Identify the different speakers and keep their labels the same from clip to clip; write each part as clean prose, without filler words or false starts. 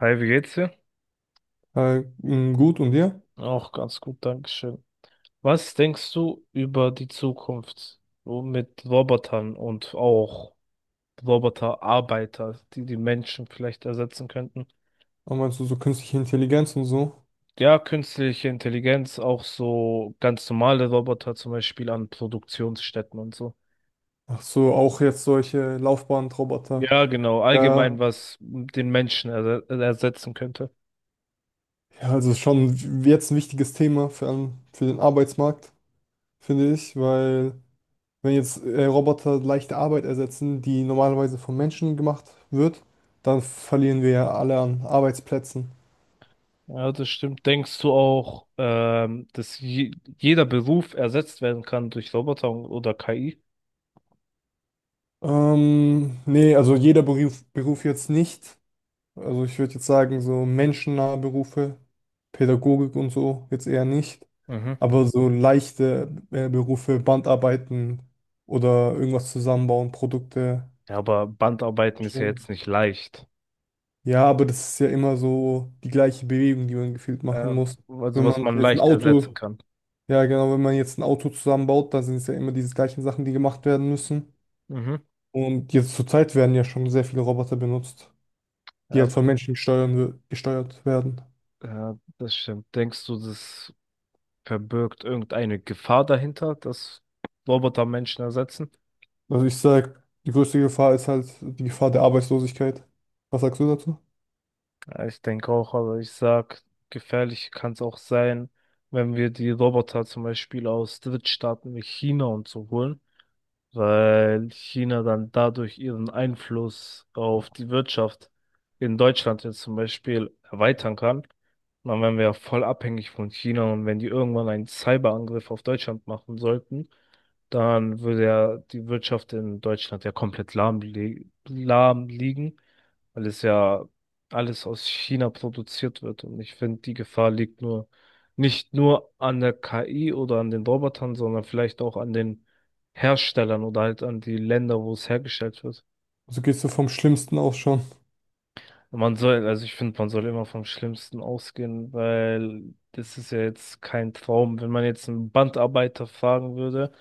Speaker 1: Hi, wie geht's dir?
Speaker 2: Gut, und dir?
Speaker 1: Auch ganz gut, Dankeschön. Was denkst du über die Zukunft so mit Robotern und auch Roboterarbeiter, die die Menschen vielleicht ersetzen könnten?
Speaker 2: Aber meinst du so künstliche Intelligenz und so?
Speaker 1: Ja, künstliche Intelligenz, auch so ganz normale Roboter, zum Beispiel an Produktionsstätten und so.
Speaker 2: Ach so, auch jetzt solche Laufbahnroboter.
Speaker 1: Ja, genau, allgemein,
Speaker 2: Ja,
Speaker 1: was den Menschen ersetzen könnte.
Speaker 2: ja, also schon jetzt ein wichtiges Thema für den Arbeitsmarkt, finde ich, weil wenn jetzt Roboter leichte Arbeit ersetzen, die normalerweise von Menschen gemacht wird, dann verlieren wir ja alle an Arbeitsplätzen.
Speaker 1: Ja, das stimmt. Denkst du auch, dass je jeder Beruf ersetzt werden kann durch Roboter oder KI?
Speaker 2: Nee, also jeder Beruf jetzt nicht. Also ich würde jetzt sagen, so menschennahe Berufe, Pädagogik und so, jetzt eher nicht. Aber so leichte Berufe, Bandarbeiten oder irgendwas zusammenbauen, Produkte
Speaker 1: Ja, aber Bandarbeiten ist ja jetzt
Speaker 2: erstellen.
Speaker 1: nicht leicht.
Speaker 2: Ja, aber das ist ja immer so die gleiche Bewegung, die man gefühlt machen
Speaker 1: Ja,
Speaker 2: muss.
Speaker 1: also
Speaker 2: Wenn
Speaker 1: was
Speaker 2: man
Speaker 1: man
Speaker 2: jetzt ein
Speaker 1: leicht ersetzen
Speaker 2: Auto,
Speaker 1: kann.
Speaker 2: Ja genau, wenn man jetzt ein Auto zusammenbaut, dann sind es ja immer diese gleichen Sachen, die gemacht werden müssen.
Speaker 1: Mhm.
Speaker 2: Und jetzt zurzeit werden ja schon sehr viele Roboter benutzt, die
Speaker 1: Ja,
Speaker 2: halt
Speaker 1: d-
Speaker 2: von Menschen gesteuert werden.
Speaker 1: ja, das stimmt. Denkst du, das verbirgt irgendeine Gefahr dahinter, dass Roboter Menschen ersetzen?
Speaker 2: Also ich sag, die größte Gefahr ist halt die Gefahr der Arbeitslosigkeit. Was sagst du dazu?
Speaker 1: Ja, ich denke auch, aber ich sag, gefährlich kann es auch sein, wenn wir die Roboter zum Beispiel aus Drittstaaten wie China und so holen. Weil China dann dadurch ihren Einfluss auf die Wirtschaft in Deutschland jetzt zum Beispiel erweitern kann. Dann wären wir ja voll abhängig von China und wenn die irgendwann einen Cyberangriff auf Deutschland machen sollten, dann würde ja die Wirtschaft in Deutschland ja komplett lahm liegen, weil es ja alles aus China produziert wird. Und ich finde, die Gefahr liegt nur nicht nur an der KI oder an den Robotern, sondern vielleicht auch an den Herstellern oder halt an die Länder, wo es hergestellt wird.
Speaker 2: Also gehst du vom Schlimmsten aus schon?
Speaker 1: Man soll, also ich finde, man soll immer vom Schlimmsten ausgehen, weil das ist ja jetzt kein Traum. Wenn man jetzt einen Bandarbeiter fragen würde,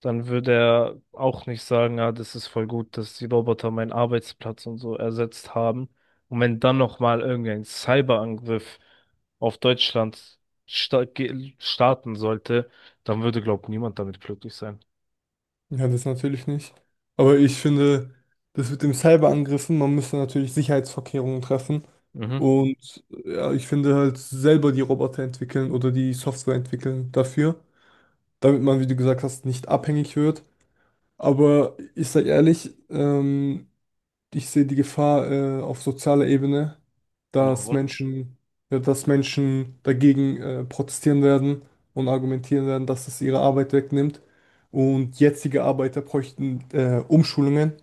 Speaker 1: dann würde er auch nicht sagen, ja, das ist voll gut, dass die Roboter meinen Arbeitsplatz und so ersetzt haben. Und wenn dann nochmal irgendein Cyberangriff auf Deutschland starten sollte, dann würde, glaube ich, niemand damit glücklich sein.
Speaker 2: Ja, das natürlich nicht. Aber ich finde, das mit dem Cyberangriffen, man müsste natürlich Sicherheitsvorkehrungen treffen.
Speaker 1: Mhm.
Speaker 2: Und ja, ich finde halt selber die Roboter entwickeln oder die Software entwickeln dafür, damit man, wie du gesagt hast, nicht abhängig wird. Aber ich sag ehrlich, ich sehe die Gefahr auf sozialer Ebene, dass
Speaker 1: Warum?
Speaker 2: Menschen, ja, dass Menschen dagegen protestieren werden und argumentieren werden, dass es ihre Arbeit wegnimmt. Und jetzige Arbeiter bräuchten Umschulungen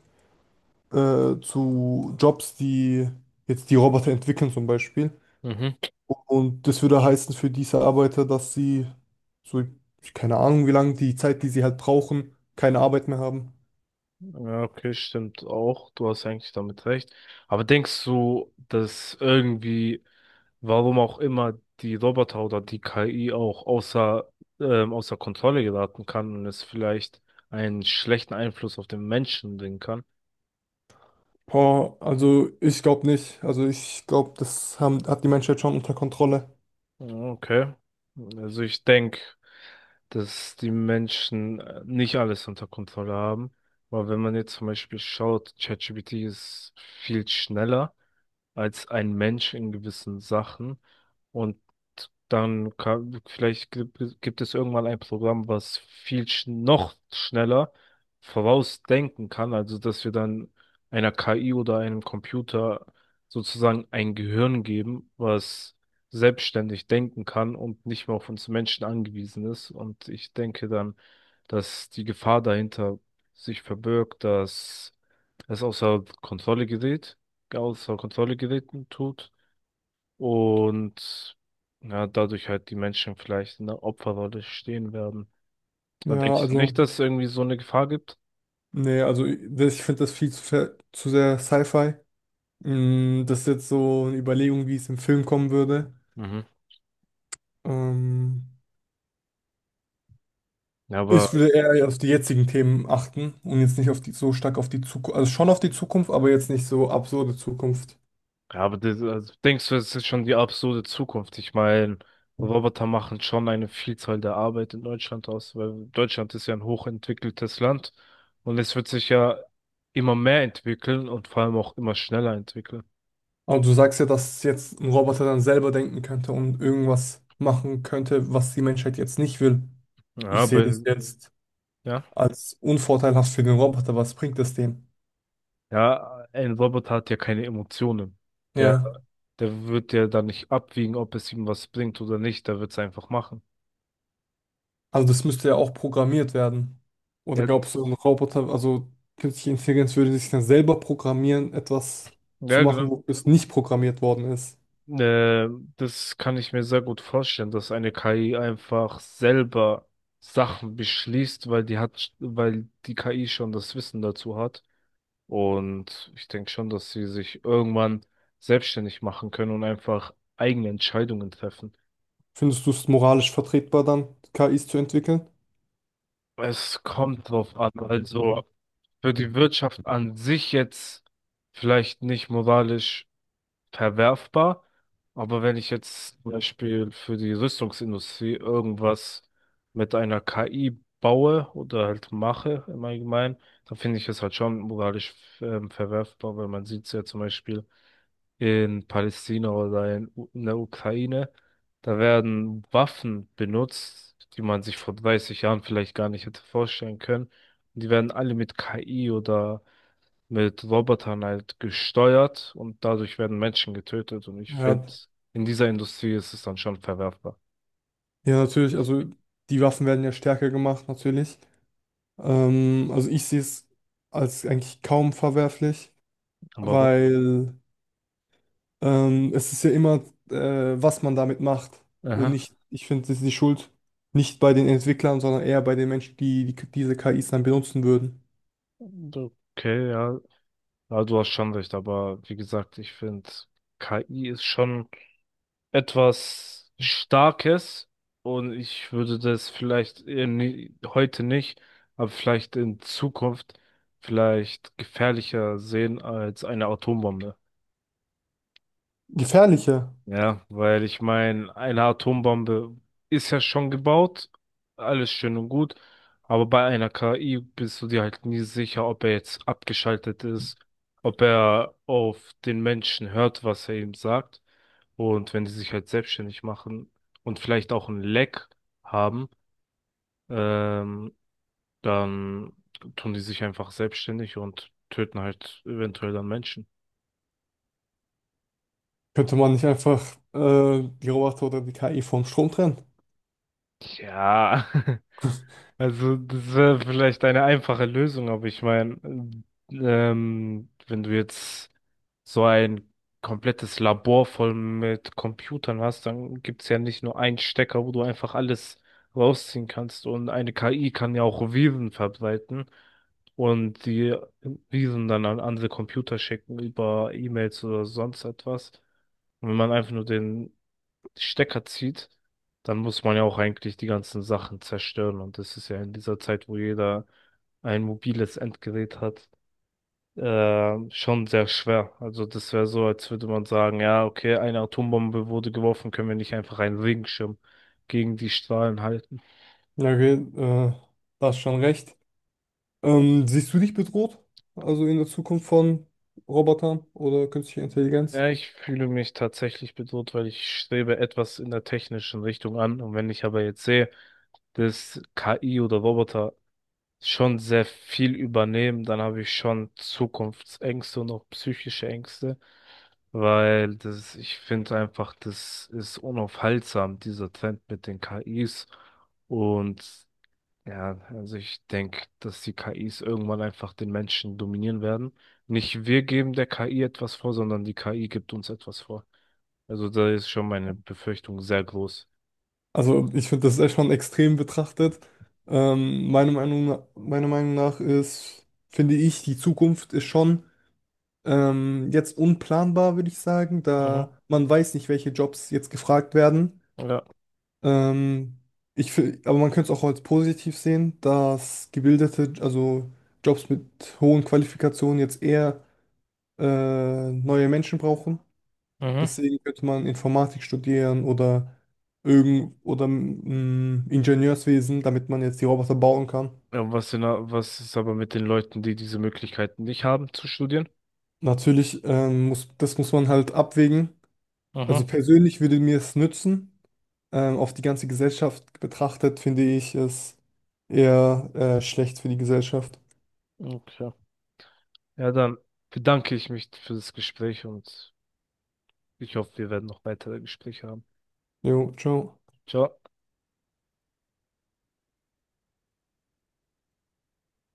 Speaker 2: zu Jobs, die jetzt die Roboter entwickeln zum Beispiel.
Speaker 1: Mhm.
Speaker 2: Und das würde heißen für diese Arbeiter, dass sie so, keine Ahnung wie lange, die Zeit, die sie halt brauchen, keine Arbeit mehr haben.
Speaker 1: Ja, okay, stimmt auch. Du hast eigentlich damit recht. Aber denkst du, dass irgendwie, warum auch immer, die Roboter oder die KI auch außer Kontrolle geraten kann und es vielleicht einen schlechten Einfluss auf den Menschen bringen kann?
Speaker 2: Boah, also ich glaube nicht. Also ich glaube, hat die Menschheit schon unter Kontrolle.
Speaker 1: Ja, okay. Also ich denke, dass die Menschen nicht alles unter Kontrolle haben. Weil wenn man jetzt zum Beispiel schaut, ChatGPT ist viel schneller als ein Mensch in gewissen Sachen. Und dann vielleicht gibt es irgendwann ein Programm, was viel sch noch schneller vorausdenken kann, also dass wir dann einer KI oder einem Computer sozusagen ein Gehirn geben, was selbstständig denken kann und nicht mehr auf uns Menschen angewiesen ist. Und ich denke dann, dass die Gefahr dahinter sich verbirgt, dass es außer Kontrolle geraten tut und ja, dadurch halt die Menschen vielleicht in der Opferrolle stehen werden. Aber
Speaker 2: Ja,
Speaker 1: denkst du
Speaker 2: also,
Speaker 1: nicht, dass es irgendwie so eine Gefahr gibt?
Speaker 2: nee, also ich finde das zu sehr Sci-Fi. Mm, das ist jetzt so eine Überlegung, wie es im Film kommen würde.
Speaker 1: Mhm.
Speaker 2: Ähm,
Speaker 1: Ja, aber,
Speaker 2: Ich würde eher auf die jetzigen Themen achten und jetzt nicht auf die, so stark auf die Zukunft, also schon auf die Zukunft, aber jetzt nicht so absurde Zukunft.
Speaker 1: ja, aber das, also denkst du, es ist schon die absurde Zukunft? Ich meine, Roboter machen schon eine Vielzahl der Arbeit in Deutschland aus, weil Deutschland ist ja ein hochentwickeltes Land und es wird sich ja immer mehr entwickeln und vor allem auch immer schneller entwickeln.
Speaker 2: Aber du sagst ja, dass jetzt ein Roboter dann selber denken könnte und irgendwas machen könnte, was die Menschheit jetzt nicht will.
Speaker 1: Ja,
Speaker 2: Ich sehe
Speaker 1: aber,
Speaker 2: das jetzt
Speaker 1: ja.
Speaker 2: als unvorteilhaft für den Roboter. Was bringt es dem?
Speaker 1: Ja, ein Roboter hat ja keine Emotionen. Der,
Speaker 2: Ja,
Speaker 1: der wird ja dann nicht abwiegen, ob es ihm was bringt oder nicht. Der wird es einfach machen.
Speaker 2: also das müsste ja auch programmiert werden. Oder
Speaker 1: Ja,
Speaker 2: glaubst du, ein Roboter, also künstliche Intelligenz würde sich dann selber programmieren, etwas zu
Speaker 1: ja, genau.
Speaker 2: machen, wo es nicht programmiert worden ist?
Speaker 1: Äh, Das kann ich mir sehr gut vorstellen, dass eine KI einfach selber Sachen beschließt, weil die KI schon das Wissen dazu hat. Und ich denke schon, dass sie sich irgendwann selbstständig machen können und einfach eigene Entscheidungen treffen.
Speaker 2: Findest du es moralisch vertretbar dann, KIs zu entwickeln?
Speaker 1: Es kommt drauf an. Also, für die Wirtschaft an sich jetzt vielleicht nicht moralisch verwerfbar, aber wenn ich jetzt zum Beispiel für die Rüstungsindustrie irgendwas mit einer KI baue oder halt mache im Allgemeinen, dann finde ich es halt schon moralisch verwerfbar, weil man sieht es ja zum Beispiel in Palästina oder in der Ukraine, da werden Waffen benutzt, die man sich vor 30 Jahren vielleicht gar nicht hätte vorstellen können. Die werden alle mit KI oder mit Robotern halt gesteuert und dadurch werden Menschen getötet. Und ich
Speaker 2: Ja,
Speaker 1: finde, in dieser Industrie ist es dann schon verwerfbar.
Speaker 2: ja, natürlich. Also die Waffen werden ja stärker gemacht, natürlich. Also ich sehe es als eigentlich kaum verwerflich,
Speaker 1: Aber wo?
Speaker 2: weil es ist ja immer, was man damit macht. Und
Speaker 1: Aha.
Speaker 2: nicht, ich finde, es ist die Schuld nicht bei den Entwicklern, sondern eher bei den Menschen, die diese KIs dann benutzen würden.
Speaker 1: Okay, ja. Ja, du hast schon recht, aber wie gesagt, ich finde, KI ist schon etwas Starkes und ich würde das vielleicht eher heute nicht, aber vielleicht in Zukunft vielleicht gefährlicher sehen als eine Atombombe.
Speaker 2: Gefährlicher.
Speaker 1: Ja, weil ich meine, eine Atombombe ist ja schon gebaut, alles schön und gut, aber bei einer KI bist du dir halt nie sicher, ob er jetzt abgeschaltet ist, ob er auf den Menschen hört, was er ihm sagt. Und wenn die sich halt selbstständig machen und vielleicht auch ein Leck haben, ähm, dann tun die sich einfach selbstständig und töten halt eventuell dann Menschen.
Speaker 2: Könnte man nicht einfach die Roboter oder die KI vom Strom trennen?
Speaker 1: Ja. Also, das wäre vielleicht eine einfache Lösung, aber ich meine, wenn du jetzt so ein komplettes Labor voll mit Computern hast, dann gibt es ja nicht nur einen Stecker, wo du einfach alles rausziehen kannst. Und eine KI kann ja auch Viren verbreiten und die Viren dann an andere Computer schicken über E-Mails oder sonst etwas. Und wenn man einfach nur den Stecker zieht, dann muss man ja auch eigentlich die ganzen Sachen zerstören. Und das ist ja in dieser Zeit, wo jeder ein mobiles Endgerät hat, schon sehr schwer. Also das wäre so, als würde man sagen, ja, okay, eine Atombombe wurde geworfen, können wir nicht einfach einen Regenschirm gegen die Strahlen halten.
Speaker 2: Ja, okay, da hast schon recht. Siehst du dich bedroht? Also in der Zukunft von Robotern oder künstlicher Intelligenz?
Speaker 1: Ja, ich fühle mich tatsächlich bedroht, weil ich strebe etwas in der technischen Richtung an. Und wenn ich aber jetzt sehe, dass KI oder Roboter schon sehr viel übernehmen, dann habe ich schon Zukunftsängste und auch psychische Ängste, weil das, ich finde einfach, das ist unaufhaltsam, dieser Trend mit den KIs. Und ja, also ich denke, dass die KIs irgendwann einfach den Menschen dominieren werden. Nicht wir geben der KI etwas vor, sondern die KI gibt uns etwas vor. Also da ist schon meine Befürchtung sehr groß.
Speaker 2: Also ich finde, das ist echt schon extrem betrachtet. Meiner Meinung nach finde ich, die Zukunft ist schon jetzt unplanbar, würde ich sagen,
Speaker 1: Mhm.
Speaker 2: da man weiß nicht, welche Jobs jetzt gefragt werden.
Speaker 1: Ja.
Speaker 2: Ähm, aber man könnte es auch als positiv sehen, dass gebildete, also Jobs mit hohen Qualifikationen jetzt eher neue Menschen brauchen.
Speaker 1: Mhm.
Speaker 2: Deswegen könnte man Informatik studieren oder Ingenieurswesen, damit man jetzt die Roboter bauen kann.
Speaker 1: Ja, was ist aber mit den Leuten, die diese Möglichkeiten nicht haben zu studieren?
Speaker 2: Natürlich muss man halt abwägen. Also
Speaker 1: Mhm.
Speaker 2: persönlich würde mir es nützen. Auf die ganze Gesellschaft betrachtet finde ich es eher schlecht für die Gesellschaft.
Speaker 1: Okay. Ja, dann bedanke ich mich für das Gespräch und ich hoffe, wir werden noch weitere Gespräche haben.
Speaker 2: Jo, ciao.
Speaker 1: Ciao.